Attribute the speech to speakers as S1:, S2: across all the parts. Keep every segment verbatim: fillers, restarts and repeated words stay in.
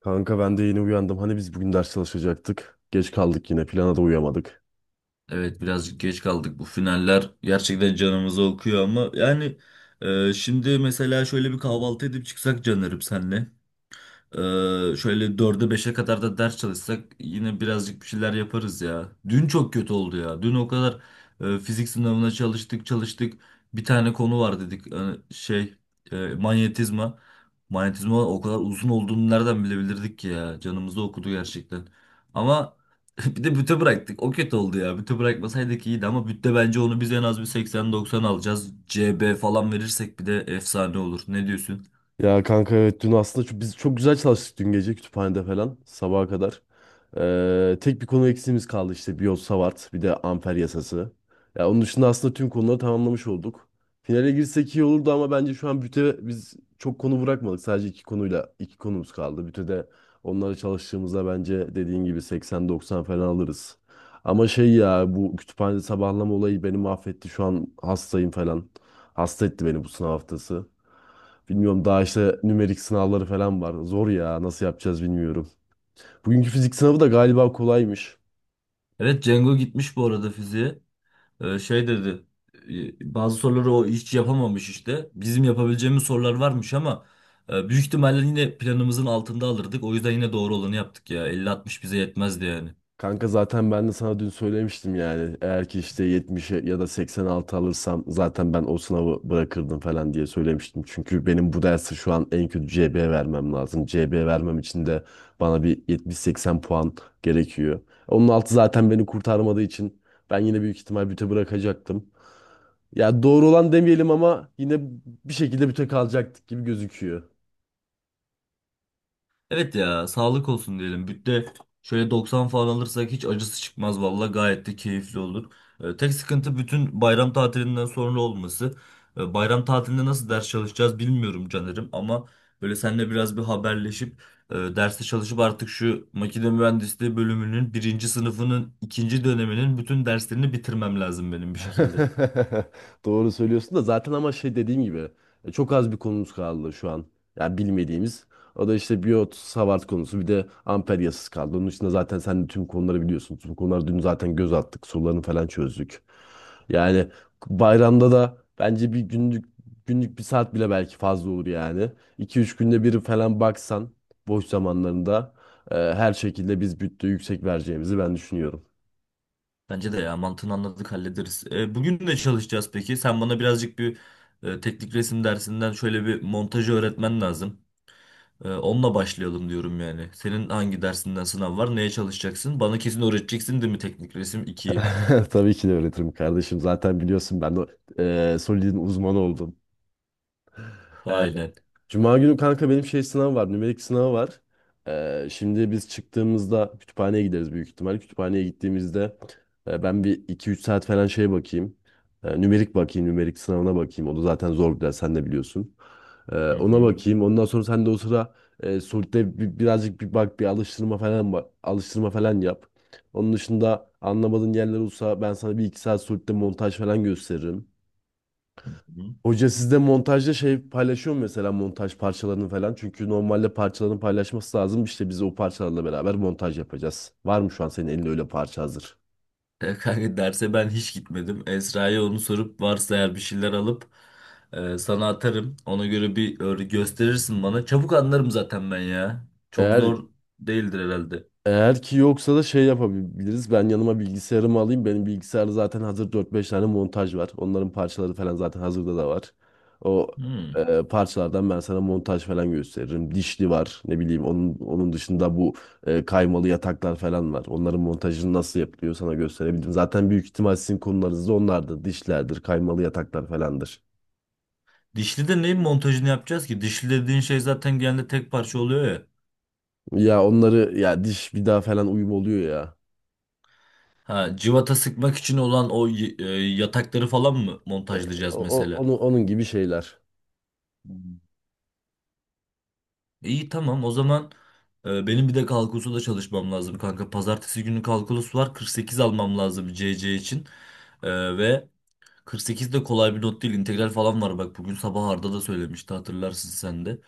S1: Kanka ben de yeni uyandım. Hani biz bugün ders çalışacaktık. Geç kaldık yine. Plana da uyamadık.
S2: Evet, birazcık geç kaldık. Bu finaller gerçekten canımızı okuyor ama yani, e, şimdi mesela şöyle bir kahvaltı edip çıksak canlarım senle. Ee, şöyle dörde beşe kadar da ders çalışsak yine birazcık bir şeyler yaparız ya. Dün çok kötü oldu ya. Dün o kadar e, fizik sınavına çalıştık çalıştık. Bir tane konu var dedik. Hani şey, e, manyetizma. Manyetizma o kadar uzun olduğunu nereden bilebilirdik ki ya. Canımızı okudu gerçekten. Ama bir de büte bıraktık. O kötü oldu ya. Büte bırakmasaydık iyiydi ama bütte bence onu biz en az bir seksene doksana alacağız. C B falan verirsek bir de efsane olur. Ne diyorsun?
S1: Ya kanka evet dün aslında çok, biz çok güzel çalıştık dün gece kütüphanede falan sabaha kadar. Ee, tek bir konu eksiğimiz kaldı işte Biot-Savart bir de amper yasası. Ya onun dışında aslında tüm konuları tamamlamış olduk. Finale girsek iyi olurdu ama bence şu an büte biz çok konu bırakmadık. Sadece iki konuyla iki konumuz kaldı. Bütede onlara çalıştığımızda bence dediğin gibi seksen doksan falan alırız. Ama şey ya bu kütüphanede sabahlama olayı beni mahvetti. Şu an hastayım falan. Hasta etti beni bu sınav haftası. Bilmiyorum daha işte nümerik sınavları falan var. Zor ya nasıl yapacağız bilmiyorum. Bugünkü fizik sınavı da galiba kolaymış.
S2: Evet, Cengo gitmiş bu arada fiziğe. Ee, şey dedi. e, Bazı soruları o hiç yapamamış işte. Bizim yapabileceğimiz sorular varmış ama e, büyük ihtimalle yine planımızın altında alırdık. O yüzden yine doğru olanı yaptık ya. elli altmış bize yetmezdi yani.
S1: Kanka zaten ben de sana dün söylemiştim yani. Eğer ki işte yetmişe ya da seksen altı alırsam zaten ben o sınavı bırakırdım falan diye söylemiştim. Çünkü benim bu dersi şu an en kötü C B vermem lazım. C B vermem için de bana bir yetmiş seksen puan gerekiyor. Onun altı zaten beni kurtarmadığı için ben yine büyük ihtimal büte bırakacaktım. Ya doğru olan demeyelim ama yine bir şekilde büte kalacaktık gibi gözüküyor.
S2: Evet ya, sağlık olsun diyelim. Bütte şöyle doksan falan alırsak hiç acısı çıkmaz valla, gayet de keyifli olur. Ee, tek sıkıntı bütün bayram tatilinden sonra olması. Ee, bayram tatilinde nasıl ders çalışacağız bilmiyorum Caner'im, ama böyle seninle biraz bir haberleşip e, derste çalışıp artık şu makine mühendisliği bölümünün birinci sınıfının ikinci döneminin bütün derslerini bitirmem lazım benim bir şekilde.
S1: Doğru söylüyorsun da zaten ama şey dediğim gibi e, çok az bir konumuz kaldı şu an. Yani bilmediğimiz. O da işte biyot, Savart konusu bir de amper yasası kaldı. Onun için zaten sen de tüm konuları biliyorsun. Tüm konuları dün zaten göz attık. Sorularını falan çözdük. Yani bayramda da bence bir günlük günlük bir saat bile belki fazla olur yani. İki üç günde bir falan baksan boş zamanlarında e, her şekilde biz bütte yüksek vereceğimizi ben düşünüyorum.
S2: Bence de ya, mantığını anladık hallederiz. E, bugün ne çalışacağız peki? Sen bana birazcık bir e, teknik resim dersinden şöyle bir montajı öğretmen lazım. E, onunla başlayalım diyorum yani. Senin hangi dersinden sınav var? Neye çalışacaksın? Bana kesin öğreteceksin değil mi teknik resim ikiyi?
S1: Tabii ki de öğretirim kardeşim. Zaten biliyorsun ben de e, Solid'in uzmanı oldum.
S2: Aynen.
S1: Cuma günü kanka benim şey sınav var. Nümerik sınavı var. Ee, şimdi biz çıktığımızda kütüphaneye gideriz büyük ihtimal. Kütüphaneye gittiğimizde e, ben bir iki üç saat falan şey bakayım. E, nümerik bakayım. Nümerik sınavına bakayım. O da zaten zor bir ders. Sen de biliyorsun. E,
S2: Hı
S1: ona
S2: hı.
S1: bakayım. Ondan sonra sen de o sıra e, Solid'de bir- birazcık bir bak bir alıştırma falan ba- alıştırma falan yap. Onun dışında anlamadığın yerler olsa ben sana bir iki saat Solid'de montaj falan gösteririm.
S2: Hı.
S1: Hoca sizde montajda şey paylaşıyor mu mesela montaj parçalarını falan? Çünkü normalde parçalarını paylaşması lazım. İşte biz o parçalarla beraber montaj yapacağız. Var mı şu an senin elinde öyle parça hazır?
S2: E, kanka derse ben hiç gitmedim. Esra'ya onu sorup varsa eğer bir şeyler alıp e, sana atarım. Ona göre bir öyle gösterirsin bana. Çabuk anlarım zaten ben ya. Çok
S1: Eğer
S2: zor değildir herhalde.
S1: Eğer ki yoksa da şey yapabiliriz. Ben yanıma bilgisayarımı alayım. Benim bilgisayarda zaten hazır dört beş tane montaj var. Onların parçaları falan zaten hazırda da var. O
S2: Hı.
S1: e, Parçalardan ben sana montaj falan gösteririm. Dişli var ne bileyim. Onun, onun dışında bu e, kaymalı yataklar falan var. Onların montajını nasıl yapılıyor sana gösterebilirim. Zaten büyük ihtimal sizin konularınız da onlardır. Dişlerdir, kaymalı yataklar falandır.
S2: Dişli de neyin montajını yapacağız ki? Dişli dediğin şey zaten genelde tek parça oluyor ya.
S1: Ya onları ya diş vida falan uyum oluyor ya.
S2: Ha, civata sıkmak için olan o y- e, yatakları falan mı
S1: E,
S2: montajlayacağız
S1: o, o-
S2: mesela?
S1: onun, onun gibi şeyler.
S2: Hmm. İyi, tamam o zaman e, benim bir de kalkulusu da çalışmam lazım kanka. Pazartesi günü kalkulus var, kırk sekiz almam lazım C C için. E, ve kırk sekiz de kolay bir not değil. İntegral falan var bak. Bugün sabah Arda da söylemişti, hatırlarsın sen de.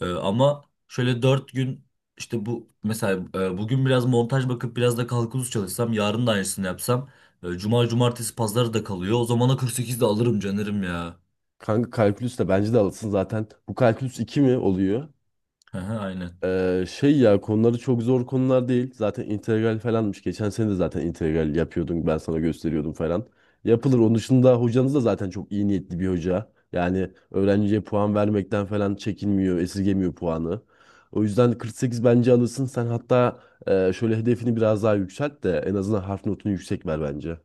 S2: Ee, ama şöyle dört gün işte, bu mesela e, bugün biraz montaj bakıp biraz da kalkulus çalışsam, yarın da aynısını yapsam e, cuma cumartesi pazarı da kalıyor. O zamana kırk sekiz de alırım canırım ya.
S1: Kanka kalkülüs de bence de alırsın zaten. Bu kalkülüs iki mi oluyor?
S2: Hı hı, aynen.
S1: Ee, şey ya konuları çok zor konular değil. Zaten integral falanmış. Geçen sene de zaten integral yapıyordun. Ben sana gösteriyordum falan. Yapılır. Onun dışında hocanız da zaten çok iyi niyetli bir hoca. Yani öğrenciye puan vermekten falan çekinmiyor, esirgemiyor puanı. O yüzden kırk sekiz bence alırsın. Sen hatta e, şöyle hedefini biraz daha yükselt de en azından harf notunu yüksek ver bence.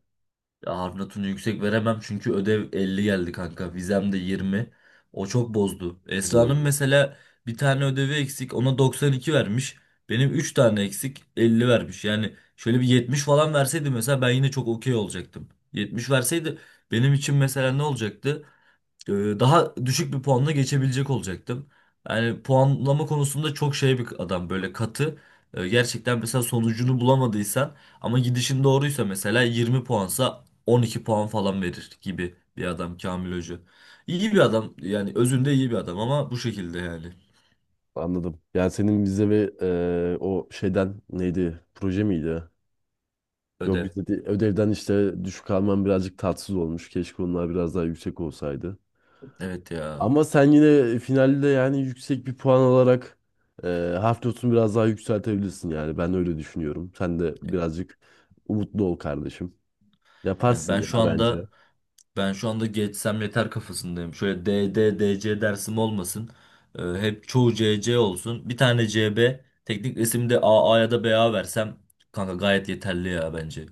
S2: Ya, Harfnat'ını yüksek veremem çünkü ödev elli geldi kanka. Vizem de yirmi. O çok bozdu.
S1: Hı.
S2: Esra'nın mesela bir tane ödevi eksik. Ona doksan iki vermiş. Benim üç tane eksik elli vermiş. Yani şöyle bir yetmiş falan verseydi mesela ben yine çok okey olacaktım. yetmiş verseydi benim için mesela ne olacaktı? e, Daha düşük bir puanla geçebilecek olacaktım. Yani puanlama konusunda çok şey bir adam, böyle katı. E, gerçekten mesela sonucunu bulamadıysan ama gidişin doğruysa mesela yirmi puansa on iki puan falan verir gibi bir adam Kamil Hoca. İyi bir adam yani, özünde iyi bir adam ama bu şekilde yani.
S1: Anladım. Yani senin vize ve eee, o şeyden neydi? Proje miydi? Yok
S2: Ödev.
S1: vize değil, ödevden işte düşük alman birazcık tatsız olmuş. Keşke onlar biraz daha yüksek olsaydı.
S2: Evet ya.
S1: Ama sen yine e, finalde yani yüksek bir puan alarak eee harf notunu biraz daha yükseltebilirsin yani. Ben öyle düşünüyorum. Sen de birazcık umutlu ol kardeşim.
S2: Yani
S1: Yaparsın
S2: ben
S1: ya
S2: şu
S1: bence.
S2: anda Ben şu anda geçsem yeter kafasındayım. Şöyle D, D, D, C dersim olmasın. Ee, hep çoğu C, C olsun. Bir tane C B, teknik resimde A A ya da B A versem kanka gayet yeterli ya bence.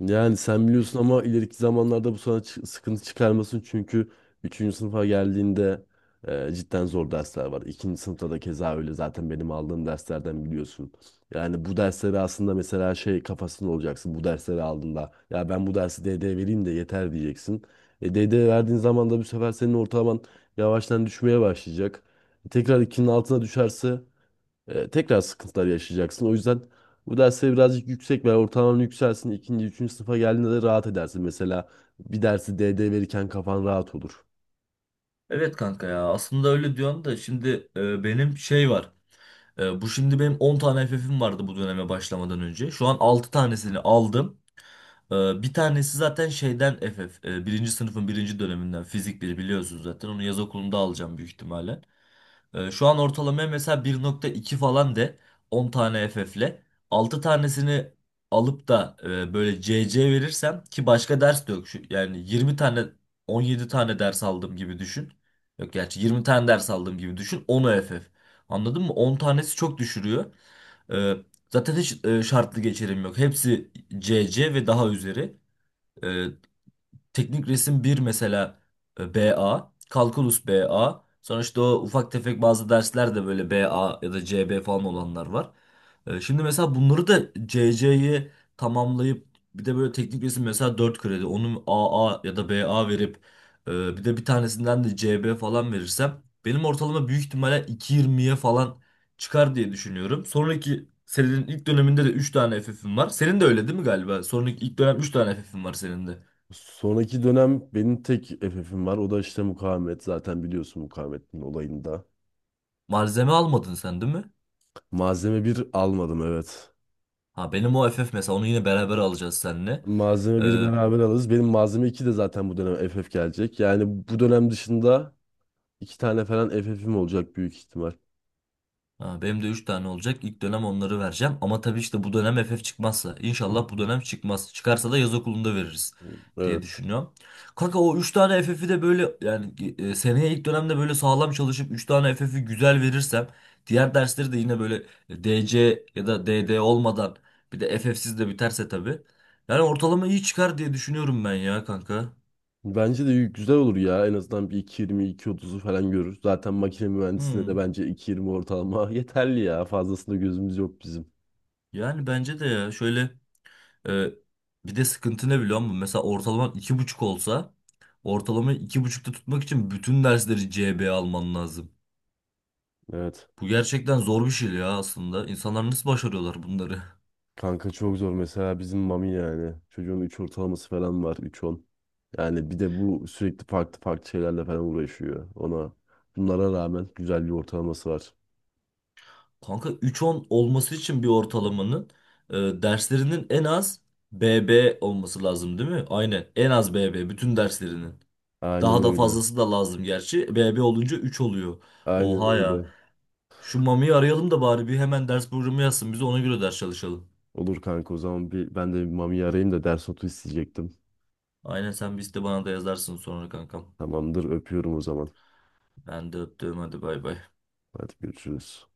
S1: Yani sen biliyorsun ama ileriki zamanlarda bu sana çı- sıkıntı çıkarmasın çünkü üçüncü sınıfa geldiğinde e, cidden zor dersler var. ikinci sınıfta da keza öyle zaten benim aldığım derslerden biliyorsun. Yani bu dersleri aslında mesela şey kafasında olacaksın bu dersleri aldığında ya ben bu dersi D D vereyim de yeter diyeceksin. E, D D verdiğin zaman da bu sefer senin ortalaman yavaştan düşmeye başlayacak. Tekrar ikinin altına düşerse e, tekrar sıkıntılar yaşayacaksın. O yüzden bu dersleri birazcık yüksek ver. Ortalaman yükselsin. İkinci, üçüncü sınıfa geldiğinde de rahat edersin. Mesela bir dersi D D verirken kafan rahat olur.
S2: Evet kanka ya, aslında öyle diyorsun da şimdi e, benim şey var. E, bu şimdi benim on tane F F'im vardı bu döneme başlamadan önce. Şu an altı tanesini aldım. E, bir tanesi zaten şeyden F F. E, birinci sınıfın birinci döneminden fizik bir biliyorsunuz zaten. Onu yaz okulunda alacağım büyük ihtimalle. Ee, şu an ortalamaya mesela bir nokta iki falan de, on tane F F'le altı tanesini alıp da e, böyle C C verirsem ki başka ders de yok. Şu, yani yirmi tane on yedi tane ders aldığım gibi düşün. Yok gerçi yirmi tane ders aldığım gibi düşün, on F F. Anladın mı? on tanesi çok düşürüyor. Ee, Zaten hiç e, şartlı geçerim yok. Hepsi C C ve daha üzeri. Ee, Teknik resim bir mesela e, B A, kalkulus B A. Sonra işte o ufak tefek bazı dersler de böyle B A ya da C B falan olanlar var. E, şimdi mesela bunları da C C'yi tamamlayıp bir de böyle teknik resim mesela dört kredi onu A A ya da B A verip e, bir de bir tanesinden de C B falan verirsem benim ortalama büyük ihtimalle iki yirmiye falan çıkar diye düşünüyorum. Sonraki senenin ilk döneminde de üç tane F F'im var. Senin de öyle değil mi galiba? Sonraki ilk dönem üç tane F F'im var senin de.
S1: Sonraki dönem benim tek F F'im var. O da işte mukavemet. Zaten biliyorsun mukavemetin olayında.
S2: Malzeme almadın sen değil mi?
S1: Malzeme bir almadım evet.
S2: Ha, benim o F F mesela onu yine beraber alacağız seninle.
S1: Malzeme bir evet,
S2: Ee,
S1: beraber alırız. Benim malzeme iki de zaten bu dönem F F gelecek. Yani bu dönem dışında iki tane falan F F'im olacak büyük ihtimal.
S2: ha, benim de üç tane olacak. İlk dönem onları vereceğim. Ama tabii işte bu dönem F F çıkmazsa. İnşallah bu dönem çıkmaz. Çıkarsa da yaz okulunda veririz diye
S1: Evet.
S2: düşünüyorum. Kanka o üç tane F F'i de böyle yani e, seneye ilk dönemde böyle sağlam çalışıp üç tane F F'i güzel verirsem diğer dersleri de yine böyle D C ya da D D olmadan bir de F F'siz de biterse tabii. Yani ortalama iyi çıkar diye düşünüyorum ben ya kanka.
S1: Bence de güzel olur ya. En azından bir iki yirmi iki 2.30'u falan görür. Zaten makine mühendisliğinde de
S2: Hmm.
S1: bence iki yirmi ortalama yeterli ya. Fazlasında gözümüz yok bizim.
S2: Yani bence de ya şöyle, e, bir de sıkıntı ne biliyor musun? Mesela ortalaman iki buçuk olsa ortalamayı iki buçukta tutmak için bütün dersleri C B alman lazım.
S1: Evet.
S2: Bu gerçekten zor bir şey ya aslında. İnsanlar nasıl başarıyorlar bunları?
S1: Kanka çok zor. Mesela bizim Mami yani. Çocuğun üç ortalaması falan var. üç on. Yani bir de bu sürekli farklı farklı şeylerle falan uğraşıyor. Ona bunlara rağmen güzel bir ortalaması var.
S2: Kanka üç on olması için bir ortalamanın e, derslerinin en az B B olması lazım değil mi? Aynen en az B B bütün derslerinin.
S1: Aynen
S2: Daha da
S1: öyle.
S2: fazlası da lazım gerçi. B B olunca üç oluyor.
S1: Aynen
S2: Oha ya.
S1: öyle.
S2: Şu Mami'yi arayalım da bari bir hemen ders programı yazsın. Biz ona göre ders çalışalım.
S1: Olur kanka o zaman bir, ben de bir Mami'yi arayayım da ders notu isteyecektim.
S2: Aynen, sen bir iste bana da yazarsın sonra kankam.
S1: Tamamdır, öpüyorum o zaman.
S2: Ben de öptüm, hadi bay bay.
S1: Hadi görüşürüz.